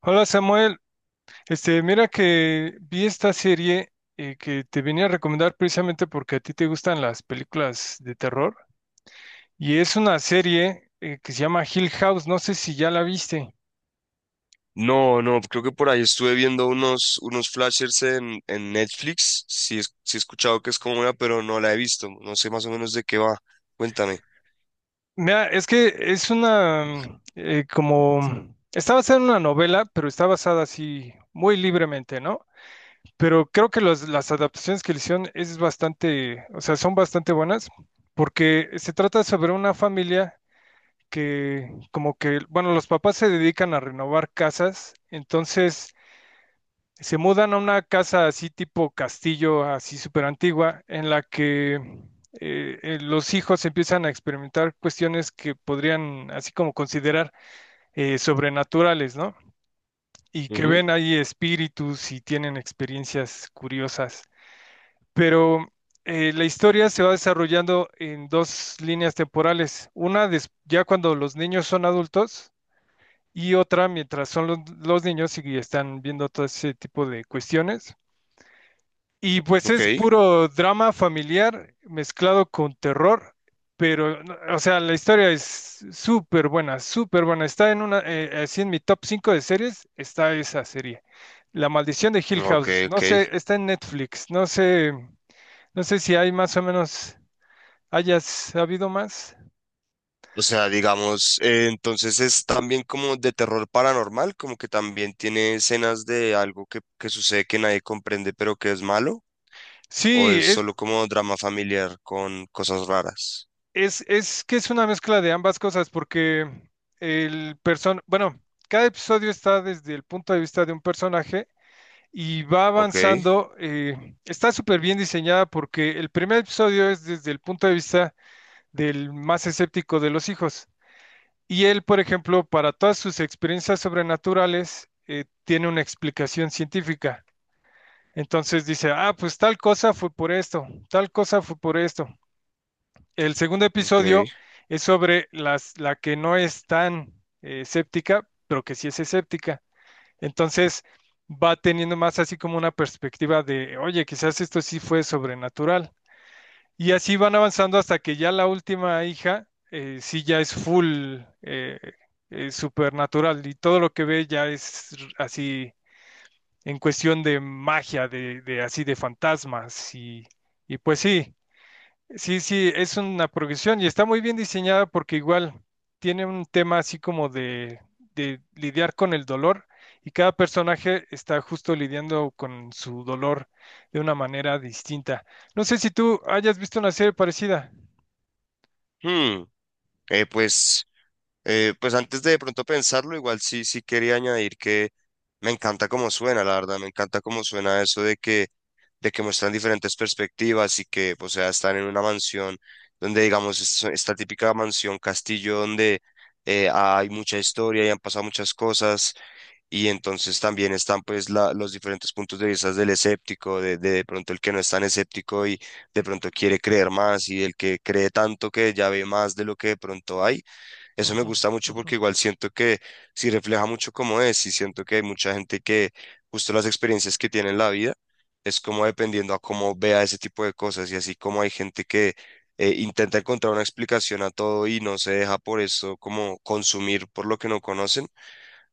Hola, Samuel. Mira que vi esta serie, que te venía a recomendar precisamente porque a ti te gustan las películas de terror. Y es una serie que se llama Hill House. No sé si ya la viste. No, no, creo que por ahí estuve viendo unos, unos flashers en Netflix. Sí, sí he escuchado que es como una, pero no la he visto. No sé más o menos de qué va. Cuéntame. Mira, es que es como está basada en una novela, pero está basada así muy libremente, ¿no? Pero creo que las adaptaciones que le hicieron es bastante, o sea, son bastante buenas, porque se trata sobre una familia que, como que, bueno, los papás se dedican a renovar casas. Entonces se mudan a una casa así tipo castillo, así súper antigua, en la que los hijos empiezan a experimentar cuestiones que podrían así como considerar sobrenaturales, ¿no? Y que Ujú. ven ahí espíritus y tienen experiencias curiosas. Pero la historia se va desarrollando en dos líneas temporales. Una, ya cuando los niños son adultos, y otra mientras son los niños y están viendo todo ese tipo de cuestiones. Y pues Ok, es puro drama familiar mezclado con terror, pero, no, o sea, la historia es súper buena, súper buena. Está en así en mi top 5 de series, está esa serie. La maldición de Hill ok, House, no ok. sé, está en Netflix, no sé, si hay más o menos, hayas habido más. O sea, digamos, entonces es también como de terror paranormal, como que también tiene escenas de algo que sucede que nadie comprende, pero que es malo, o es Sí. solo como drama familiar con cosas raras. Es que es una mezcla de ambas cosas, porque bueno, cada episodio está desde el punto de vista de un personaje y va Ok, avanzando. Está súper bien diseñada porque el primer episodio es desde el punto de vista del más escéptico de los hijos. Y él, por ejemplo, para todas sus experiencias sobrenaturales, tiene una explicación científica. Entonces dice, ah, pues tal cosa fue por esto, tal cosa fue por esto. El segundo ok. episodio es sobre la que no es tan séptica, pero que sí es escéptica. Entonces va teniendo más así como una perspectiva de, oye, quizás esto sí fue sobrenatural. Y así van avanzando hasta que ya la última hija sí ya es full supernatural, y todo lo que ve ya es así en cuestión de magia, de así de fantasmas. Y y pues sí. Sí, sí, es una progresión y está muy bien diseñada porque igual tiene un tema así como de lidiar con el dolor, y cada personaje está justo lidiando con su dolor de una manera distinta. No sé si tú hayas visto una serie parecida. Hmm, eh, pues. Pues antes de pronto pensarlo, igual sí, sí quería añadir que me encanta cómo suena, la verdad, me encanta cómo suena eso de que muestran diferentes perspectivas y que, o sea, están en una mansión donde, digamos, esta típica mansión castillo donde hay mucha historia y han pasado muchas cosas y entonces también están pues los diferentes puntos de vista del escéptico, de de pronto el que no es tan escéptico y de pronto quiere creer más y el que cree tanto que ya ve más de lo que de pronto hay. Eso me Ujú, gusta mucho ujú, porque igual siento que sí refleja mucho cómo es y siento que hay mucha gente que justo las experiencias que tiene en la vida es como dependiendo a cómo vea ese tipo de cosas y así como hay gente que intenta encontrar una explicación a todo y no se deja por eso como consumir por lo que no conocen,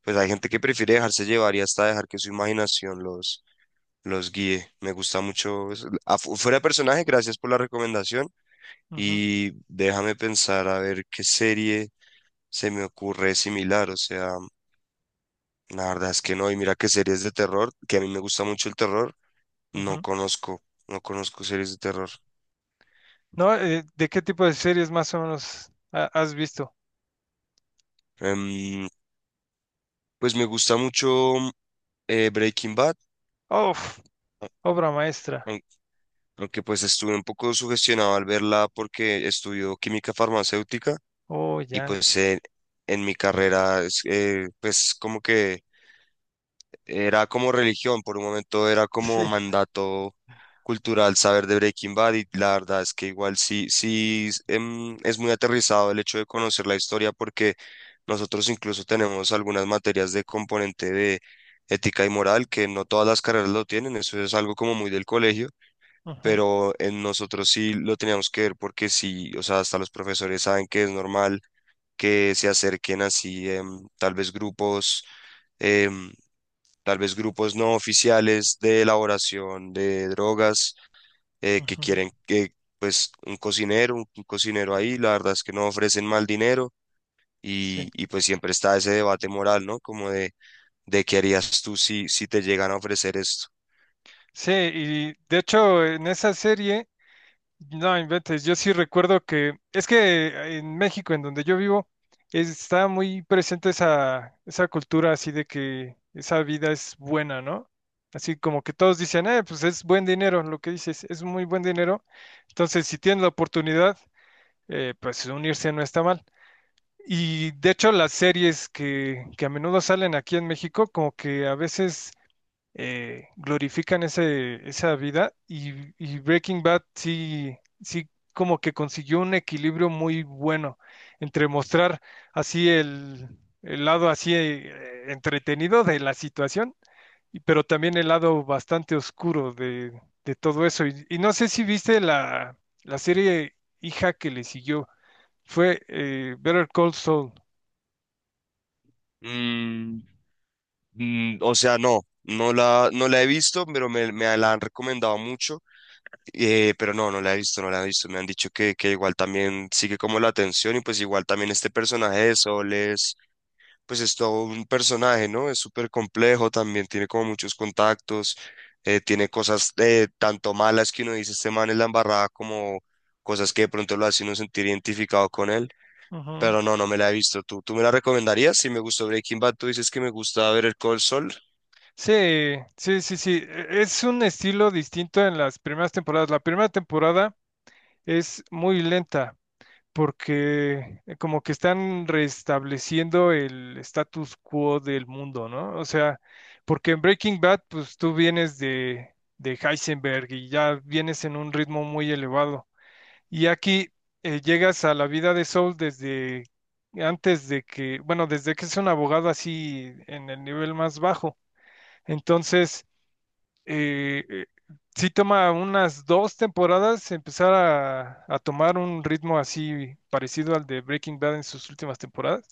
pues hay gente que prefiere dejarse llevar y hasta dejar que su imaginación los guíe. Me gusta mucho eso. Fuera de personaje, gracias por la recomendación ujú, y déjame pensar a ver qué serie se me ocurre similar, o sea, la verdad es que no, y mira que series de terror, que a mí me gusta mucho el terror, no ujú. conozco, no conozco series de terror. No, ¿de qué tipo de series más o menos has visto? Em, pues me gusta mucho Breaking Bad, Uf, a- obra maestra. aun- aunque pues estuve un poco sugestionado al verla porque estudió química farmacéutica Oh, y ya. pues en mi carrera es, pues como que era como religión, por un momento era como Sí. mandato cultural saber de Breaking Bad. Y la verdad es que igual sí, sí, es muy aterrizado el hecho de conocer la historia porque nosotros incluso tenemos algunas materias de componente de ética y moral que no todas las carreras lo tienen, eso es algo como muy del colegio, Ujú, pero en nosotros sí lo teníamos que ver porque sí, o sea, hasta los profesores saben que es normal que se acerquen así tal vez grupos. em, Tal vez grupos no oficiales de elaboración de drogas que ujú. quieren que pues un cocinero, un cocinero ahí, la verdad es que no ofrecen mal dinero Sí. Y pues siempre está ese debate moral, ¿no? Como de qué harías tú si, si te llegan a ofrecer esto. Sí, y de hecho en esa serie. No inventes, yo sí recuerdo que es que en México, en donde yo vivo, está muy presente esa, esa cultura así de que esa vida es buena, ¿no? Así como que todos dicen, pues es buen dinero, lo que dices, es muy buen dinero. Entonces, si tienen la oportunidad, pues unirse no está mal. Y de hecho, las series que a menudo salen aquí en México, como que a veces glorifican esa vida, y Breaking Bad sí, sí, como que consiguió un equilibrio muy bueno entre mostrar así el lado así entretenido de la situación, y pero también el lado bastante oscuro de todo eso. Y no sé si viste la serie hija que le siguió, fue Better Call Saul. Mm, mm, o sea, no, no la he visto, pero me la han recomendado mucho, pero no, no la he visto, no la he visto. Me han dicho que igual también sigue como la atención y pues igual también este personaje de Sol pues es todo un personaje, ¿no? Es súper complejo, también tiene como muchos contactos, tiene cosas tanto malas que uno dice, este man es la embarrada, como cosas que de pronto lo hacen uno sentir identificado con él, Ujú. pero no, no me la he visto. Tú me la recomendarías? Si me gustó Breaking Bad, tú dices que me gusta ver el Cold Soul, Sí, sí, sí, sí. Es un estilo distinto en las primeras temporadas. La primera temporada es muy lenta porque como que están restableciendo el status quo del mundo, ¿no? O sea, porque en Breaking Bad, pues tú vienes de Heisenberg y ya vienes en un ritmo muy elevado. Y aquí llegas a la vida de Saul desde antes de que, bueno, desde que es un abogado así en el nivel más bajo. Entonces eh, eh, sí toma unas dos temporadas empezar a tomar un ritmo así parecido al de Breaking Bad en sus últimas temporadas,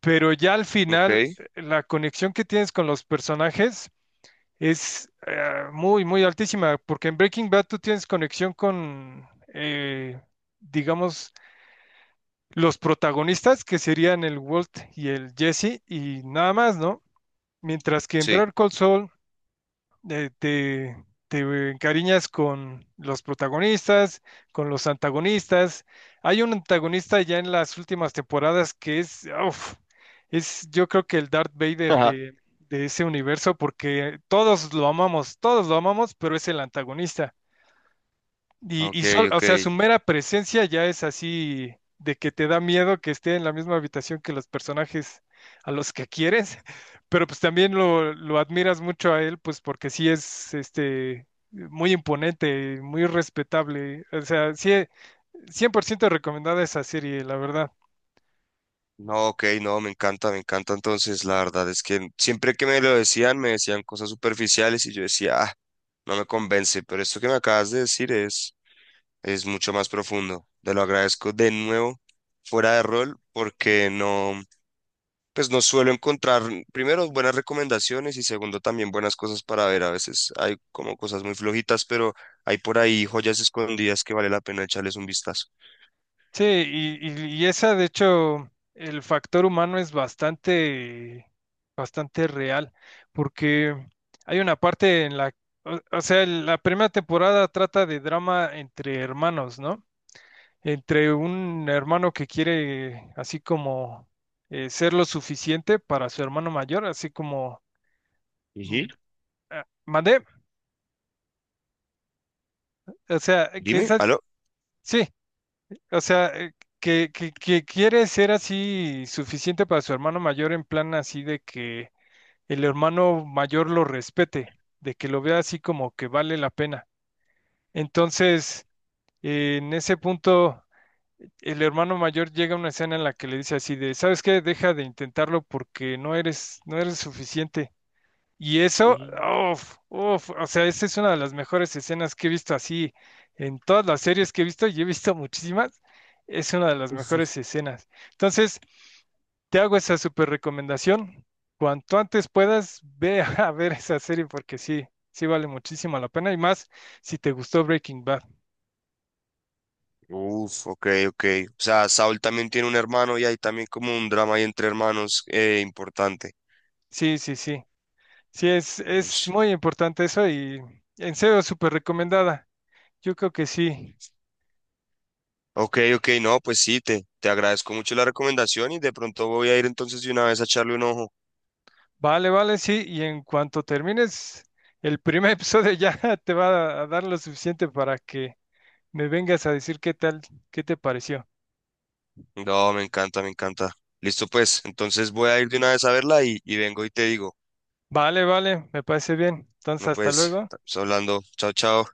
pero ya al ok, final la conexión que tienes con los personajes es muy, muy altísima, porque en Breaking Bad tú tienes conexión con, eh, digamos, los protagonistas, que serían el Walt y el Jesse, y nada más, ¿no? Mientras que en sí. Better Call Saul eh, te, te encariñas con los protagonistas, con los antagonistas. Hay un antagonista ya en las últimas temporadas que es, uf, es, yo creo, que el Darth Vader Ajá. de ese universo, porque todos lo amamos, pero es el antagonista. Y, Ok, y o sea, ok. su mera presencia ya es así, de que te da miedo que esté en la misma habitación que los personajes a los que quieres, pero pues también lo admiras mucho a él, pues porque sí es este muy imponente, muy respetable. O sea, sí, 100% recomendada esa serie, la verdad. No, ok, no, me encanta, me encanta. Entonces, la verdad es que siempre que me lo decían, me decían cosas superficiales y yo decía, ah, no me convence, pero esto que me acabas de decir es mucho más profundo. Te lo agradezco de nuevo, fuera de rol, porque no, pues no suelo encontrar, primero, buenas recomendaciones y segundo, también buenas cosas para ver. A veces hay como cosas muy flojitas, pero hay por ahí joyas escondidas que vale la pena echarles un vistazo. Sí, y esa, de hecho, el factor humano es bastante, bastante real, porque hay una parte o sea, la primera temporada trata de drama entre hermanos, ¿no? Entre un hermano que quiere así como ser lo suficiente para su hermano mayor, así como, Ujú. mm, ¿mandé? O sea, que Dime, esas, ¿aló? sí. O sea, que quiere ser así suficiente para su hermano mayor en plan así de que el hermano mayor lo respete, de que lo vea así como que vale la pena. Entonces, en ese punto, el hermano mayor llega a una escena en la que le dice así de, ¿sabes qué? Deja de intentarlo porque no eres, no eres suficiente. Y eso, Mm. uff, uff, o sea, esa es una de las mejores escenas que he visto así en todas las series que he visto, y he visto muchísimas, es una de las mejores escenas. Entonces, te hago esa súper recomendación. Cuanto antes puedas, ve a ver esa serie porque sí, sí vale muchísimo la pena, y más si te gustó Breaking Bad. Uf, ok, ok. O sea, Saul también tiene un hermano y hay también como un drama ahí entre hermanos importante. Sí, sí, sí. Sí, es muy importante eso y en serio, súper recomendada. Yo creo que sí. Ok, ok, no, pues sí, te agradezco mucho la recomendación y de pronto voy a ir entonces de una vez a echarle un ojo. Vale, vale, sí, y en cuanto termines el primer episodio ya te va a dar lo suficiente para que me vengas a decir qué tal, qué te pareció. No, me encanta, me encanta. Listo, pues, entonces voy a ir de una vez a verla y vengo y te digo. Vale, vale, me parece bien. Entonces, No, hasta pues, luego. estamos hablando. Chao, chao.